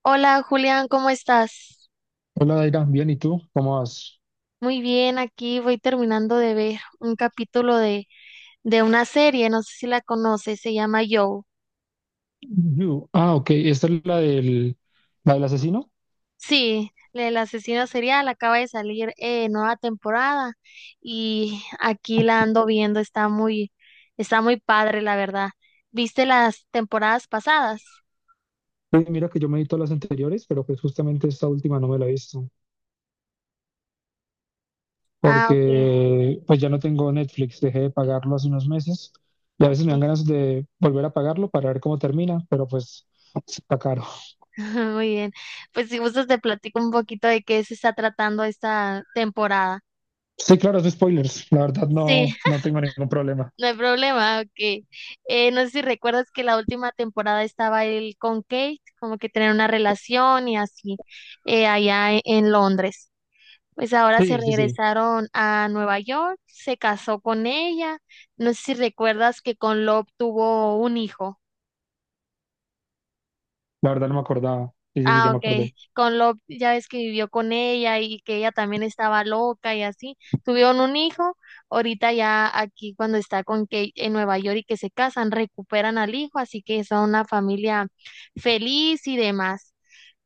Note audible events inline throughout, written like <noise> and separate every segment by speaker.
Speaker 1: Hola Julián, ¿cómo estás?
Speaker 2: Hola, Daira, bien, ¿y tú? ¿Cómo vas?
Speaker 1: Muy bien, aquí voy terminando de ver un capítulo de una serie, no sé si la conoces, se llama Joe.
Speaker 2: You. Ah, ok, esta es la del asesino.
Speaker 1: Sí, el asesino serial acaba de salir nueva temporada y aquí la ando viendo, está está muy padre, la verdad. ¿Viste las temporadas pasadas?
Speaker 2: Pues mira que yo me vi todas las anteriores, pero pues justamente esta última no me la he visto,
Speaker 1: Ah, ok,
Speaker 2: porque pues ya no tengo Netflix, dejé de pagarlo hace unos meses y a veces me dan
Speaker 1: ok,
Speaker 2: ganas de volver a pagarlo para ver cómo termina, pero pues está caro.
Speaker 1: <laughs> muy bien. Pues si gustas te platico un poquito de qué se está tratando esta temporada.
Speaker 2: Sí, claro, es de spoilers, la verdad
Speaker 1: Sí.
Speaker 2: no tengo ningún problema.
Speaker 1: No hay problema, ok. No sé si recuerdas que la última temporada estaba él con Kate, como que tener una relación y así, allá en Londres. Pues ahora se
Speaker 2: Sí, sí, sí,
Speaker 1: regresaron a Nueva York, se casó con ella. No sé si recuerdas que con Love tuvo un hijo.
Speaker 2: la verdad no me acordaba. Sí, sí, sí, ya
Speaker 1: Ah,
Speaker 2: me
Speaker 1: ok.
Speaker 2: acordé.
Speaker 1: Con Love, ya ves que vivió con ella y que ella también estaba loca y así. Tuvieron un hijo. Ahorita ya aquí cuando está con Kate en Nueva York y que se casan, recuperan al hijo, así que son una familia feliz y demás.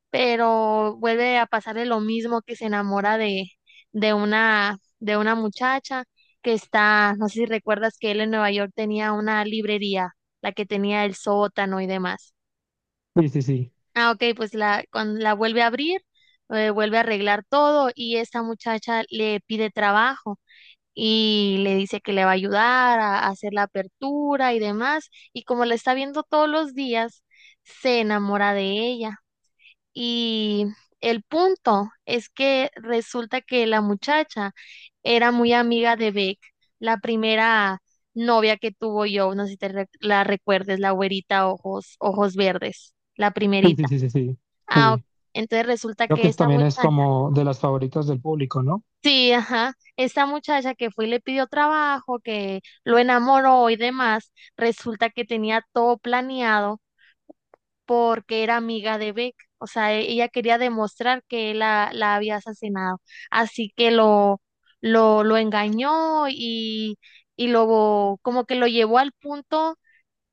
Speaker 1: Pero vuelve a pasarle lo mismo, que se enamora de una muchacha que está, no sé si recuerdas que él en Nueva York tenía una librería, la que tenía el sótano y demás.
Speaker 2: Sí, sí, sí,
Speaker 1: Ah, ok, pues cuando la vuelve a abrir, vuelve a arreglar todo y esta muchacha le pide trabajo y le dice que le va a ayudar a hacer la apertura y demás. Y como la está viendo todos los días, se enamora de ella. Y el punto es que resulta que la muchacha era muy amiga de Beck, la primera novia que tuvo. Yo no sé si la recuerdes, la güerita ojos, ojos verdes, la
Speaker 2: sí, sí,
Speaker 1: primerita.
Speaker 2: sí, sí, sí.
Speaker 1: Ah, ok.
Speaker 2: Sí.
Speaker 1: Entonces resulta
Speaker 2: Creo
Speaker 1: que
Speaker 2: que
Speaker 1: esta
Speaker 2: también es
Speaker 1: muchacha,
Speaker 2: como de las favoritas del público, ¿no?
Speaker 1: sí, ajá, esta muchacha que fue y le pidió trabajo, que lo enamoró y demás, resulta que tenía todo planeado porque era amiga de Beck. O sea, ella quería demostrar que él la había asesinado. Así que lo engañó y luego como que lo llevó al punto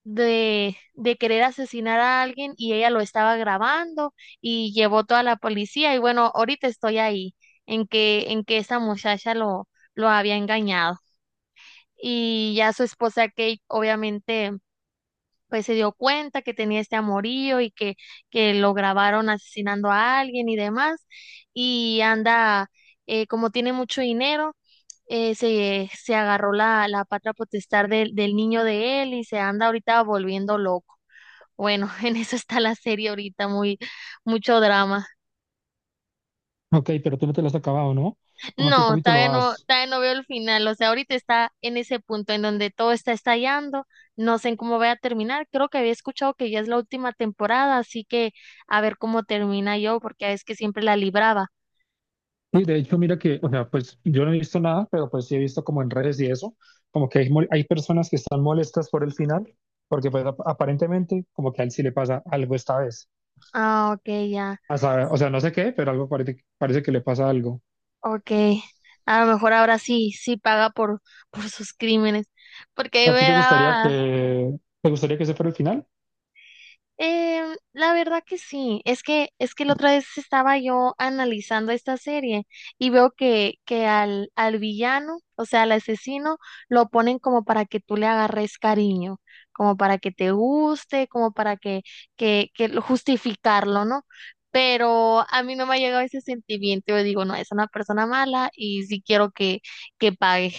Speaker 1: de querer asesinar a alguien y ella lo estaba grabando y llevó toda la policía y bueno, ahorita estoy ahí en que esa muchacha lo había engañado, y ya su esposa Kate obviamente pues se dio cuenta que tenía este amorío y que lo grabaron asesinando a alguien y demás. Y anda, como tiene mucho dinero, se agarró la patria potestad del niño de él y se anda ahorita volviendo loco. Bueno, <laughs> en eso está la serie ahorita, mucho drama.
Speaker 2: Ok, pero tú no te las has acabado, ¿no? ¿Cómo qué
Speaker 1: No,
Speaker 2: capítulo
Speaker 1: todavía no,
Speaker 2: vas?
Speaker 1: todavía no veo el final. O sea, ahorita está en ese punto en donde todo está estallando. No sé en cómo va a terminar. Creo que había escuchado que ya es la última temporada, así que a ver cómo termina, yo porque es que siempre la libraba.
Speaker 2: Y de hecho, mira que, o sea, pues yo no he visto nada, pero pues sí he visto como en redes y eso, como que hay, hay personas que están molestas por el final, porque pues aparentemente como que a él sí le pasa algo esta vez.
Speaker 1: Ah, ok, ya,
Speaker 2: O sea, no sé qué, pero algo parece, parece que le pasa algo.
Speaker 1: ok. A lo mejor ahora sí paga por sus crímenes, porque a mí
Speaker 2: ¿A ti
Speaker 1: me daba,
Speaker 2: te gustaría que ese fuera el final?
Speaker 1: em, la verdad que sí. Es que es que la otra vez estaba yo analizando esta serie y veo que al villano, o sea, al asesino, lo ponen como para que tú le agarres cariño, como para que te guste, como para justificarlo, ¿no? Pero a mí no me ha llegado ese sentimiento, yo digo, no, es una persona mala y sí quiero que pague.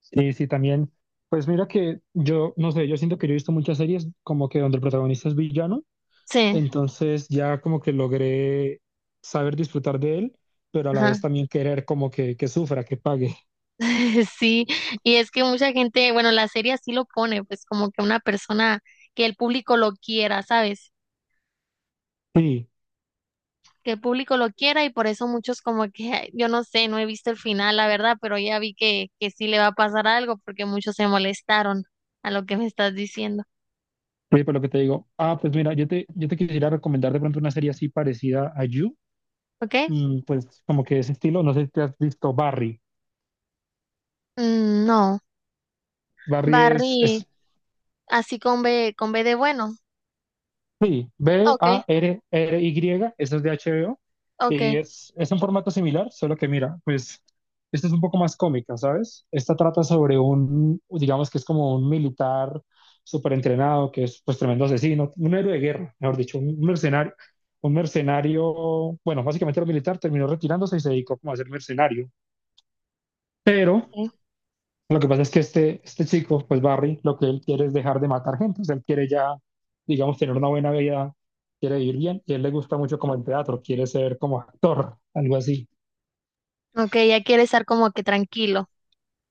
Speaker 2: Sí, sí, también. Pues mira que yo, no sé, yo siento que yo he visto muchas series como que donde el protagonista es villano.
Speaker 1: Sí,
Speaker 2: Entonces ya como que logré saber disfrutar de él, pero a la
Speaker 1: ajá.
Speaker 2: vez también querer como que sufra, que pague.
Speaker 1: <laughs> Sí, y es que mucha gente, bueno, la serie así lo pone, pues como que una persona que el público lo quiera, ¿sabes?
Speaker 2: Sí,
Speaker 1: Que el público lo quiera, y por eso muchos como que, ay, yo no sé, no he visto el final, la verdad, pero ya vi que sí le va a pasar algo porque muchos se molestaron a lo que me estás diciendo,
Speaker 2: oye, por lo que te digo, ah, pues mira, yo te quisiera recomendar de pronto una serie así parecida a You,
Speaker 1: ¿ok?
Speaker 2: mm, pues como que ese estilo, no sé si te has visto Barry.
Speaker 1: Mm, no,
Speaker 2: Barry
Speaker 1: Barry,
Speaker 2: es
Speaker 1: así con B de bueno,
Speaker 2: Sí,
Speaker 1: ok,
Speaker 2: Barry, esa es de HBO,
Speaker 1: ok,
Speaker 2: y es un formato similar, solo que mira, pues esta es un poco más cómica, ¿sabes? Esta trata sobre un, digamos que es como un militar súper entrenado, que es pues tremendo asesino, un héroe de guerra, mejor dicho, un mercenario, bueno, básicamente era militar, terminó retirándose y se dedicó como a ser mercenario, pero
Speaker 1: ok,
Speaker 2: lo que pasa es que este chico, pues Barry, lo que él quiere es dejar de matar gente, o sea, él quiere ya, digamos, tener una buena vida, quiere vivir bien, y a él le gusta mucho como el teatro, quiere ser como actor, algo así.
Speaker 1: ok, ya quiere estar como que tranquilo,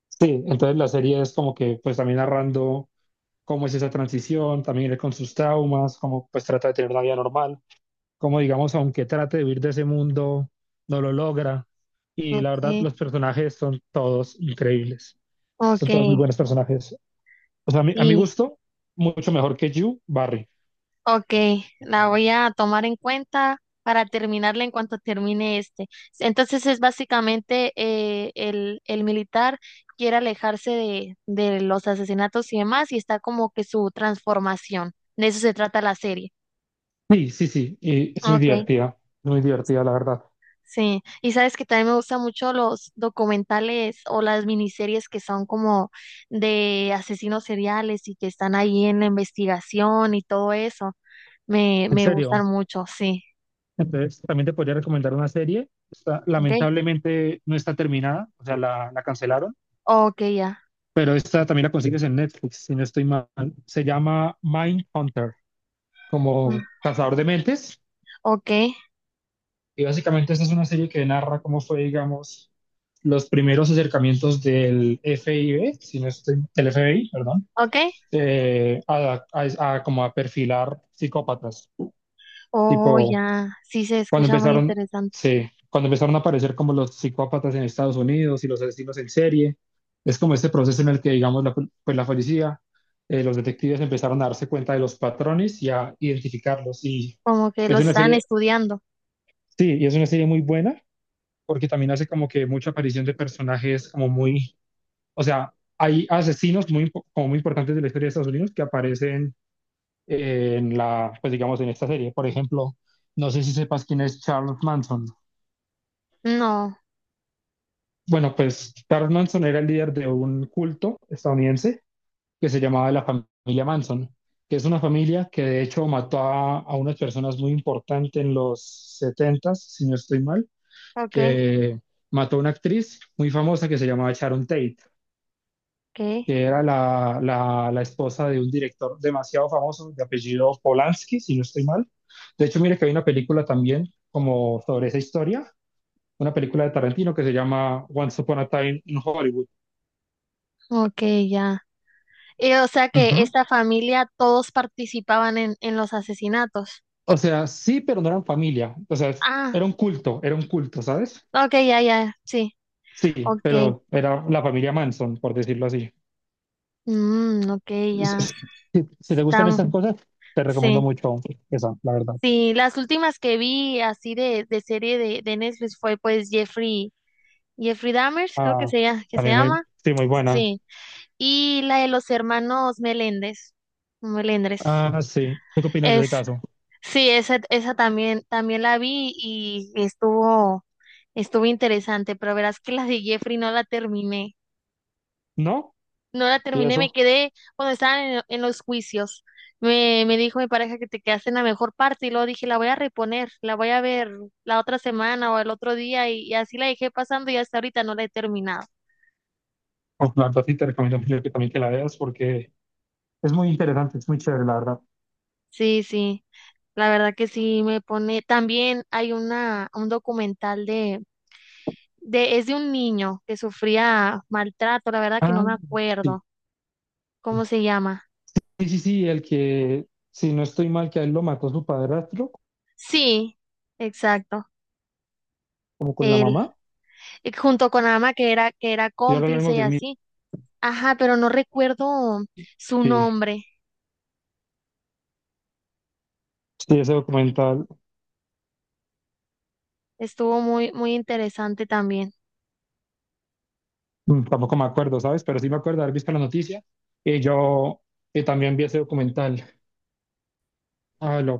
Speaker 2: Sí, entonces la serie es como que, pues también narrando cómo es esa transición, también él con sus traumas, cómo pues trata de tener una vida normal, cómo digamos, aunque trate de vivir de ese mundo, no lo logra, y la verdad
Speaker 1: ok,
Speaker 2: los personajes son todos increíbles,
Speaker 1: ok,
Speaker 2: son todos muy buenos personajes. O sea, a mi
Speaker 1: sí.
Speaker 2: gusto, mucho mejor que You, Barry.
Speaker 1: Ok, la voy a tomar en cuenta para terminarla en cuanto termine este. Entonces es básicamente el militar quiere alejarse de los asesinatos y demás y está como que su transformación. De eso se trata la serie.
Speaker 2: Sí, sí, sí, y es
Speaker 1: Ok,
Speaker 2: muy divertida, la verdad.
Speaker 1: sí. Y sabes que también me gustan mucho los documentales o las miniseries que son como de asesinos seriales y que están ahí en la investigación y todo eso.
Speaker 2: En
Speaker 1: Me gustan
Speaker 2: serio.
Speaker 1: mucho, sí.
Speaker 2: Entonces, también te podría recomendar una serie.
Speaker 1: Ok.
Speaker 2: Lamentablemente no está terminada, o sea, la cancelaron,
Speaker 1: Ok, ya.
Speaker 2: pero esta también la consigues en Netflix, si no estoy mal. Se llama Mindhunter,
Speaker 1: Mm,
Speaker 2: como cazador de mentes.
Speaker 1: ok,
Speaker 2: Y básicamente esta es una serie que narra cómo fue, digamos, los primeros acercamientos del FBI, si no estoy, del FBI, perdón,
Speaker 1: ok.
Speaker 2: a, a como a perfilar psicópatas.
Speaker 1: Oh,
Speaker 2: Tipo,
Speaker 1: ya. Sí se
Speaker 2: cuando
Speaker 1: escucha muy
Speaker 2: empezaron,
Speaker 1: interesante.
Speaker 2: sí, cuando empezaron a aparecer como los psicópatas en Estados Unidos y los asesinos en serie, es como este proceso en el que, digamos, pues la policía, los detectives empezaron a darse cuenta de los patrones y a identificarlos. Y
Speaker 1: Como que
Speaker 2: es
Speaker 1: los
Speaker 2: una
Speaker 1: están
Speaker 2: serie,
Speaker 1: estudiando.
Speaker 2: sí, y es una serie muy buena porque también hace como que mucha aparición de personajes como muy, o sea, hay asesinos muy, como muy importantes de la historia de Estados Unidos que aparecen en la, pues digamos, en esta serie. Por ejemplo, no sé si sepas quién es Charles Manson.
Speaker 1: No.
Speaker 2: Bueno, pues Charles Manson era el líder de un culto estadounidense que se llamaba la familia Manson, que es una familia que de hecho mató a unas personas muy importantes en los setentas si no estoy mal,
Speaker 1: Ok,
Speaker 2: que mató a una actriz muy famosa que se llamaba Sharon Tate,
Speaker 1: ok.
Speaker 2: que era la esposa de un director demasiado famoso, de apellido Polanski, si no estoy mal. De hecho, mire que hay una película también como sobre esa historia, una película de Tarantino que se llama Once Upon a Time in Hollywood.
Speaker 1: Ok, ya. Y, o sea, que
Speaker 2: Ujú.
Speaker 1: esta familia todos participaban en los asesinatos.
Speaker 2: O sea, sí, pero no eran familia. O sea,
Speaker 1: Ah,
Speaker 2: era un culto, ¿sabes?
Speaker 1: ok, ya, ya. Sí.
Speaker 2: Sí,
Speaker 1: Ok.
Speaker 2: pero era la familia Manson, por decirlo así.
Speaker 1: Mm, ok,
Speaker 2: Es-
Speaker 1: ya.
Speaker 2: es- Si, si te gustan
Speaker 1: Estamos.
Speaker 2: estas cosas, te recomiendo
Speaker 1: Sí.
Speaker 2: mucho esa, la verdad.
Speaker 1: Sí, las últimas que vi así de Netflix fue pues Jeffrey, Jeffrey Dahmer, creo que
Speaker 2: Ah,
Speaker 1: que se
Speaker 2: también muy,
Speaker 1: llama.
Speaker 2: sí, muy buena.
Speaker 1: Sí. Y la de los hermanos Meléndez, Melendres,
Speaker 2: Ah, sí. ¿Tú qué opinas de
Speaker 1: es,
Speaker 2: ese caso?
Speaker 1: sí, esa también, también la vi y estuvo interesante, pero verás que la de Jeffrey no la terminé,
Speaker 2: ¿No?
Speaker 1: no la
Speaker 2: ¿Y
Speaker 1: terminé, me
Speaker 2: eso?
Speaker 1: quedé cuando estaban en los juicios. Me dijo mi pareja que te quedaste en la mejor parte y luego dije, la voy a reponer, la voy a ver la otra semana o el otro día, y así la dejé pasando y hasta ahorita no la he terminado.
Speaker 2: Oh, la verdad sí te recomiendo mucho que también que la veas porque es muy interesante, es muy chévere, la verdad.
Speaker 1: Sí, sí. La verdad que sí me pone. También hay un documental es de un niño que sufría maltrato, la verdad que
Speaker 2: Ah,
Speaker 1: no me
Speaker 2: sí.
Speaker 1: acuerdo cómo se llama.
Speaker 2: Sí, sí, sí, el que, si no estoy mal, que a él lo mató su padrastro,
Speaker 1: Sí, exacto.
Speaker 2: como con la
Speaker 1: Él,
Speaker 2: mamá.
Speaker 1: junto con Ama, que era
Speaker 2: Y ahora hablamos
Speaker 1: cómplice y
Speaker 2: del mismo.
Speaker 1: así. Ajá, pero no recuerdo su
Speaker 2: Sí,
Speaker 1: nombre.
Speaker 2: sí, ese documental,
Speaker 1: Estuvo muy, muy interesante también.
Speaker 2: mm, tampoco me acuerdo, ¿sabes? Pero sí me acuerdo de haber visto la noticia. Y yo también vi ese documental. Ah, lo